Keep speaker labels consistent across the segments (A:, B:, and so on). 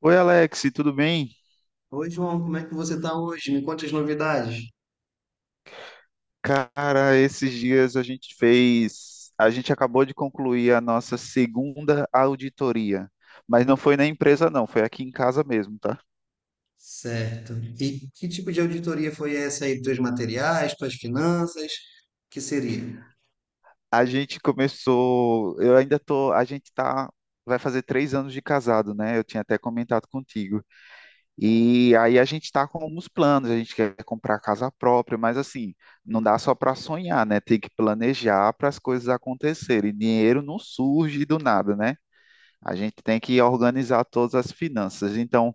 A: Oi, Alex, tudo bem?
B: Oi, João, como é que você está hoje? Me conte as novidades.
A: Cara, esses dias a gente acabou de concluir a nossa segunda auditoria, mas não foi na empresa não, foi aqui em casa mesmo, tá?
B: Certo. E que tipo de auditoria foi essa aí dos materiais, tuas finanças? Que seria?
A: A gente começou, eu ainda tô, a gente tá, vai fazer 3 anos de casado, né? Eu tinha até comentado contigo. E aí a gente tá com alguns planos, a gente quer comprar casa própria, mas assim, não dá só para sonhar, né? Tem que planejar para as coisas acontecerem. Dinheiro não surge do nada, né? A gente tem que organizar todas as finanças. Então,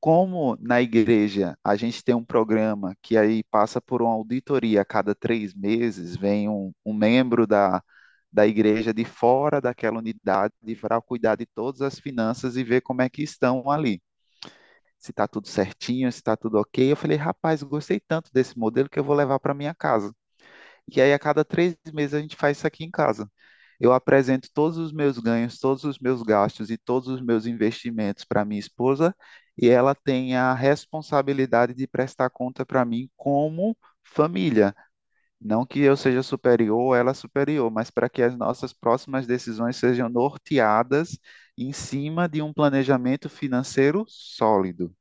A: como na igreja a gente tem um programa que aí passa por uma auditoria a cada 3 meses, vem um membro da igreja de fora daquela unidade para cuidar de todas as finanças e ver como é que estão ali. Se está tudo certinho, se está tudo ok. Eu falei, rapaz, gostei tanto desse modelo que eu vou levar para minha casa. E aí, a cada 3 meses, a gente faz isso aqui em casa. Eu apresento todos os meus ganhos, todos os meus gastos e todos os meus investimentos para minha esposa, e ela tem a responsabilidade de prestar conta para mim como família. Não que eu seja superior ou ela superior, mas para que as nossas próximas decisões sejam norteadas em cima de um planejamento financeiro sólido.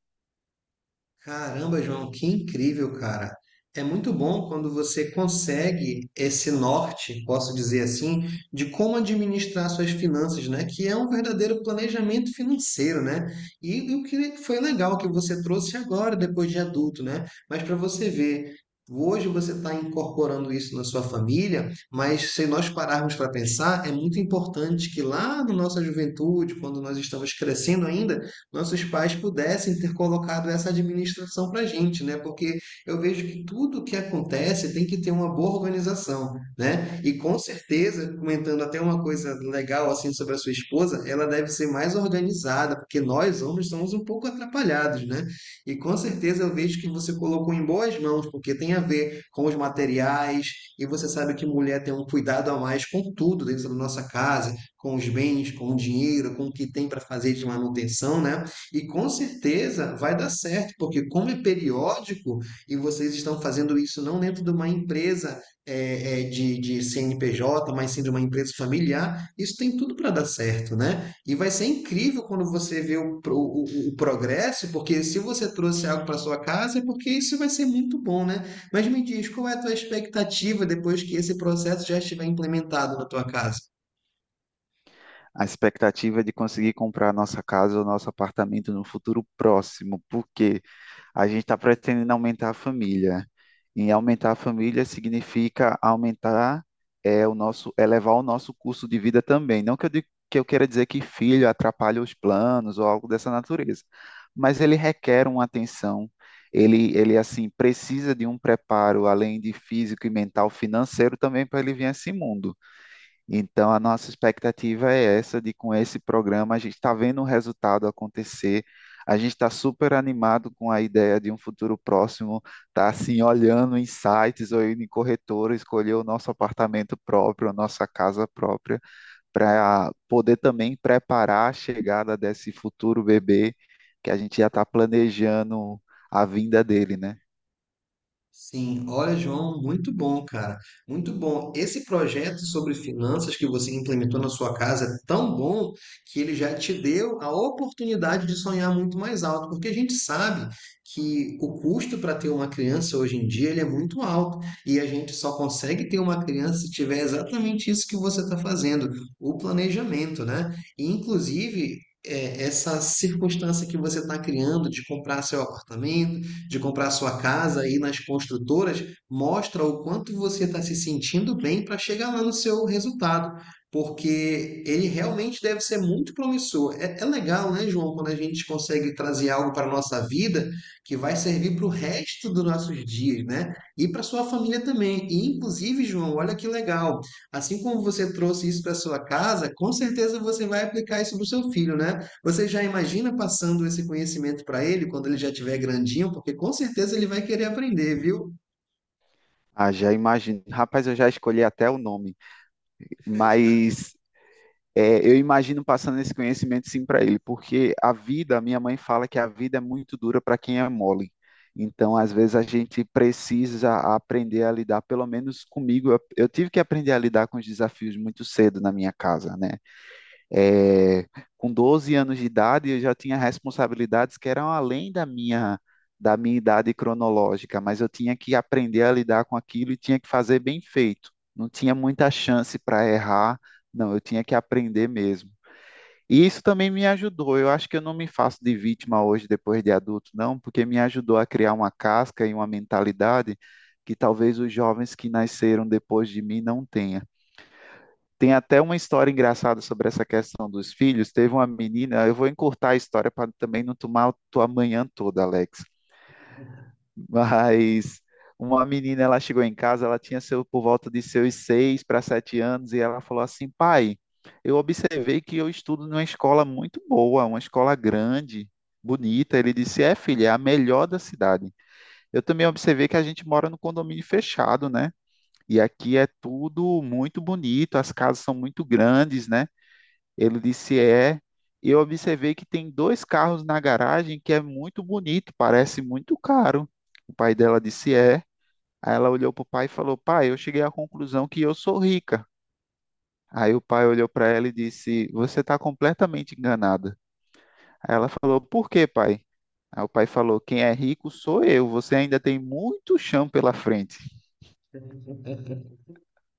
B: Caramba, João, que incrível, cara. É muito bom quando você consegue esse norte, posso dizer assim, de como administrar suas finanças, né? Que é um verdadeiro planejamento financeiro, né? E o que foi legal que você trouxe agora, depois de adulto, né? Mas para você ver, hoje você está incorporando isso na sua família, mas se nós pararmos para pensar, é muito importante que lá na nossa juventude, quando nós estamos crescendo ainda, nossos pais pudessem ter colocado essa administração para a gente, né? Porque eu vejo que tudo que acontece tem que ter uma boa organização, né? E com certeza, comentando até uma coisa legal assim sobre a sua esposa, ela deve ser mais organizada, porque nós homens somos um pouco atrapalhados, né? E com certeza eu vejo que você colocou em boas mãos, porque tem a ver com os materiais, e você sabe que mulher tem um cuidado a mais com tudo dentro da nossa casa, com os bens, com o dinheiro, com o que tem para fazer de manutenção, né? E com certeza vai dar certo, porque como é periódico e vocês estão fazendo isso não dentro de uma empresa de CNPJ, mas sim de uma empresa familiar, isso tem tudo para dar certo, né? E vai ser incrível quando você vê o progresso, porque se você trouxe algo para sua casa, é porque isso vai ser muito bom, né? Mas me diz, qual é a tua expectativa depois que esse processo já estiver implementado na tua casa?
A: A expectativa é de conseguir comprar nossa casa ou nosso apartamento no futuro próximo, porque a gente está pretendendo aumentar a família. E aumentar a família significa aumentar elevar o nosso custo de vida também. Não que eu queira dizer que filho atrapalha os planos ou algo dessa natureza, mas ele requer uma atenção. Ele assim precisa de um preparo além de físico e mental, financeiro também para ele vir a esse mundo. Então, a nossa expectativa é essa, de com esse programa a gente está vendo o resultado acontecer, a gente está super animado com a ideia de um futuro próximo, tá assim, olhando em sites ou indo em corretora, escolher o nosso apartamento próprio, a nossa casa própria, para poder também preparar a chegada desse futuro bebê, que a gente já está planejando a vinda dele, né?
B: Sim, olha, João, muito bom, cara. Muito bom. Esse projeto sobre finanças que você implementou na sua casa é tão bom que ele já te deu a oportunidade de sonhar muito mais alto, porque a gente sabe que o custo para ter uma criança hoje em dia ele é muito alto e a gente só consegue ter uma criança se tiver exatamente isso que você está fazendo, o planejamento, né? E, inclusive, essa circunstância que você está criando de comprar seu apartamento de comprar sua casa aí nas construtoras, mostra o quanto você está se sentindo bem para chegar lá no seu resultado, porque ele realmente deve ser muito promissor. É, é legal, né, João, quando a gente consegue trazer algo para a nossa vida que vai servir para o resto dos nossos dias, né? E para sua família também. E, inclusive, João, olha que legal. Assim como você trouxe isso para sua casa, com certeza você vai aplicar isso para o seu filho, né? Você já imagina passando esse conhecimento para ele quando ele já tiver grandinho, porque com certeza ele vai querer aprender, viu?
A: Ah, já imagino. Rapaz, eu já escolhi até o nome, mas eu imagino passando esse conhecimento sim para ele, porque a vida, a minha mãe fala que a vida é muito dura para quem é mole. Então, às vezes a gente precisa aprender a lidar, pelo menos comigo, eu tive que aprender a lidar com os desafios muito cedo na minha casa, né? É, com 12 anos de idade, eu já tinha responsabilidades que eram além da minha idade cronológica, mas eu tinha que aprender a lidar com aquilo e tinha que fazer bem feito. Não tinha muita chance para errar, não, eu tinha que aprender mesmo. E isso também me ajudou. Eu acho que eu não me faço de vítima hoje, depois de adulto, não, porque me ajudou a criar uma casca e uma mentalidade que talvez os jovens que nasceram depois de mim não tenham. Tem até uma história engraçada sobre essa questão dos filhos. Teve uma menina, eu vou encurtar a história para também não tomar a tua manhã toda, Alex. Mas uma menina, ela chegou em casa, ela tinha por volta de seus 6 para 7 anos, e ela falou assim: pai, eu observei que eu estudo numa escola muito boa, uma escola grande, bonita. Ele disse: é, filha, é a melhor da cidade. Eu também observei que a gente mora no condomínio fechado, né? E aqui é tudo muito bonito, as casas são muito grandes, né? Ele disse é. E eu observei que tem dois carros na garagem que é muito bonito, parece muito caro. O pai dela disse é. Aí ela olhou para o pai e falou: Pai, eu cheguei à conclusão que eu sou rica. Aí o pai olhou para ela e disse: Você está completamente enganada. Aí ela falou: Por quê, pai? Aí o pai falou: Quem é rico sou eu. Você ainda tem muito chão pela frente.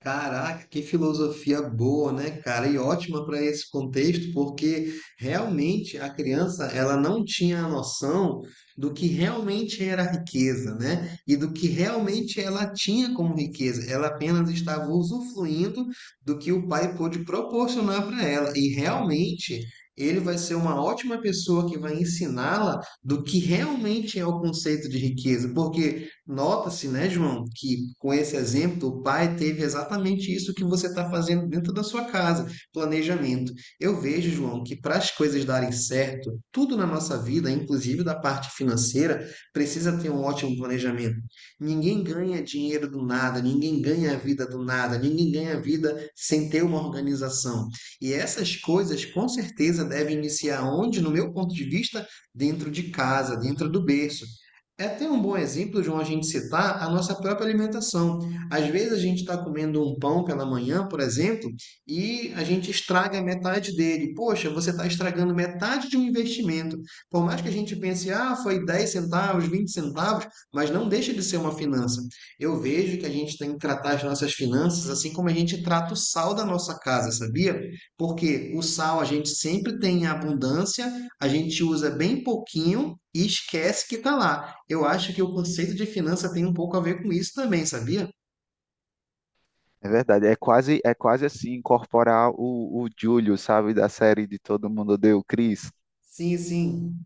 B: Caraca, que filosofia boa, né, cara? E ótima para esse contexto, porque realmente a criança ela não tinha a noção do que realmente era a riqueza, né? E do que realmente ela tinha como riqueza. Ela apenas estava usufruindo do que o pai pôde proporcionar para ela. E realmente ele vai ser uma ótima pessoa que vai ensiná-la do que realmente é o conceito de riqueza, porque nota-se, né, João, que com esse exemplo, o pai teve exatamente isso que você está fazendo dentro da sua casa, planejamento. Eu vejo, João, que para as coisas darem certo, tudo na nossa vida, inclusive da parte financeira, precisa ter um ótimo planejamento. Ninguém ganha dinheiro do nada, ninguém ganha a vida do nada, ninguém ganha a vida sem ter uma organização. E essas coisas, com certeza, devem iniciar onde, no meu ponto de vista, dentro de casa, dentro do berço. É até um bom exemplo, João, a gente citar a nossa própria alimentação. Às vezes a gente está comendo um pão pela manhã, por exemplo, e a gente estraga metade dele. Poxa, você está estragando metade de um investimento. Por mais que a gente pense, ah, foi 10 centavos, 20 centavos, mas não deixa de ser uma finança. Eu vejo que a gente tem que tratar as nossas finanças assim como a gente trata o sal da nossa casa, sabia? Porque o sal a gente sempre tem em abundância, a gente usa bem pouquinho e esquece que está lá. Eu acho que o conceito de finança tem um pouco a ver com isso também, sabia?
A: É verdade, é quase assim incorporar o Júlio, sabe, da série de Todo Mundo Odeia o Chris.
B: Sim, sim.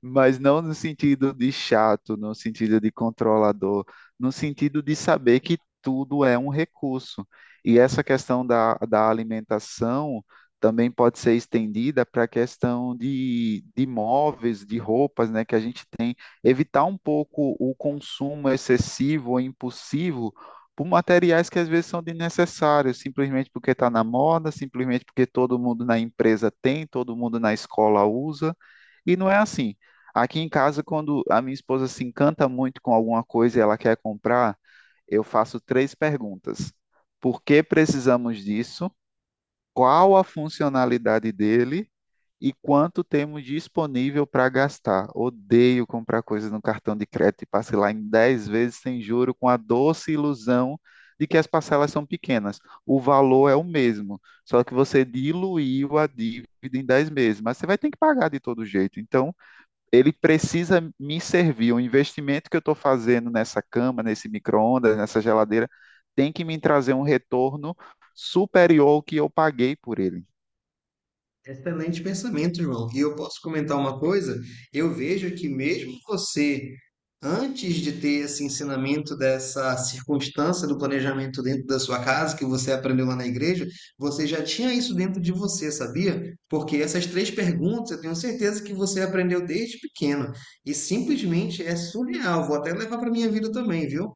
A: Mas não no sentido de chato, no sentido de controlador, no sentido de saber que tudo é um recurso. E essa questão da alimentação também pode ser estendida para a questão de móveis, de roupas, né, que a gente tem. Evitar um pouco o consumo excessivo ou impulsivo por materiais que às vezes são desnecessários, simplesmente porque está na moda, simplesmente porque todo mundo na empresa tem, todo mundo na escola usa. E não é assim. Aqui em casa, quando a minha esposa se encanta muito com alguma coisa e ela quer comprar, eu faço três perguntas. Por que precisamos disso? Qual a funcionalidade dele? E quanto temos disponível para gastar? Odeio comprar coisas no cartão de crédito e parcelar em 10 vezes sem juro, com a doce ilusão de que as parcelas são pequenas. O valor é o mesmo, só que você diluiu a dívida em 10 meses, mas você vai ter que pagar de todo jeito. Então, ele precisa me servir. O investimento que eu estou fazendo nessa cama, nesse micro-ondas, nessa geladeira, tem que me trazer um retorno superior ao que eu paguei por ele.
B: Excelente pensamento, João. E eu posso comentar uma coisa? Eu vejo que mesmo você, antes de ter esse ensinamento dessa circunstância do planejamento dentro da sua casa, que você aprendeu lá na igreja, você já tinha isso dentro de você, sabia? Porque essas três perguntas eu tenho certeza que você aprendeu desde pequeno. E simplesmente é surreal. Vou até levar para minha vida também, viu?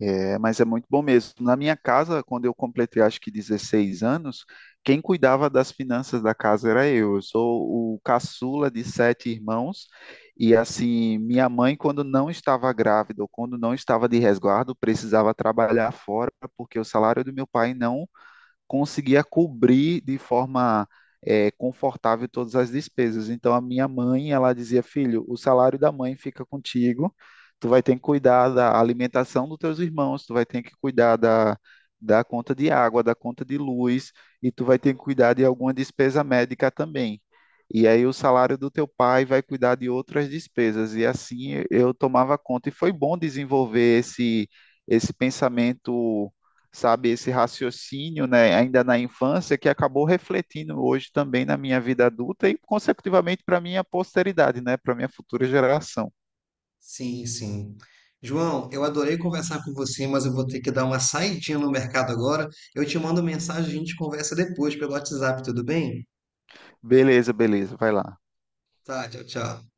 A: É, mas é muito bom mesmo. Na minha casa, quando eu completei acho que 16 anos, quem cuidava das finanças da casa era eu. Eu sou o caçula de sete irmãos. E assim, minha mãe, quando não estava grávida ou quando não estava de resguardo, precisava trabalhar fora, porque o salário do meu pai não conseguia cobrir de forma confortável todas as despesas. Então a minha mãe, ela dizia, filho, o salário da mãe fica contigo, tu vai ter que cuidar da alimentação dos teus irmãos, tu vai ter que cuidar da conta de água, da conta de luz, e tu vai ter que cuidar de alguma despesa médica também. E aí o salário do teu pai vai cuidar de outras despesas. E assim eu tomava conta. E foi bom desenvolver esse pensamento, sabe, esse raciocínio, né, ainda na infância, que acabou refletindo hoje também na minha vida adulta e, consecutivamente, para minha posteridade, né, para minha futura geração.
B: Sim, sim. João, eu adorei conversar com você, mas eu vou ter que dar uma saidinha no mercado agora. Eu te mando mensagem, a gente conversa depois pelo WhatsApp, tudo bem?
A: Beleza, beleza, vai lá.
B: Tá, tchau, tchau.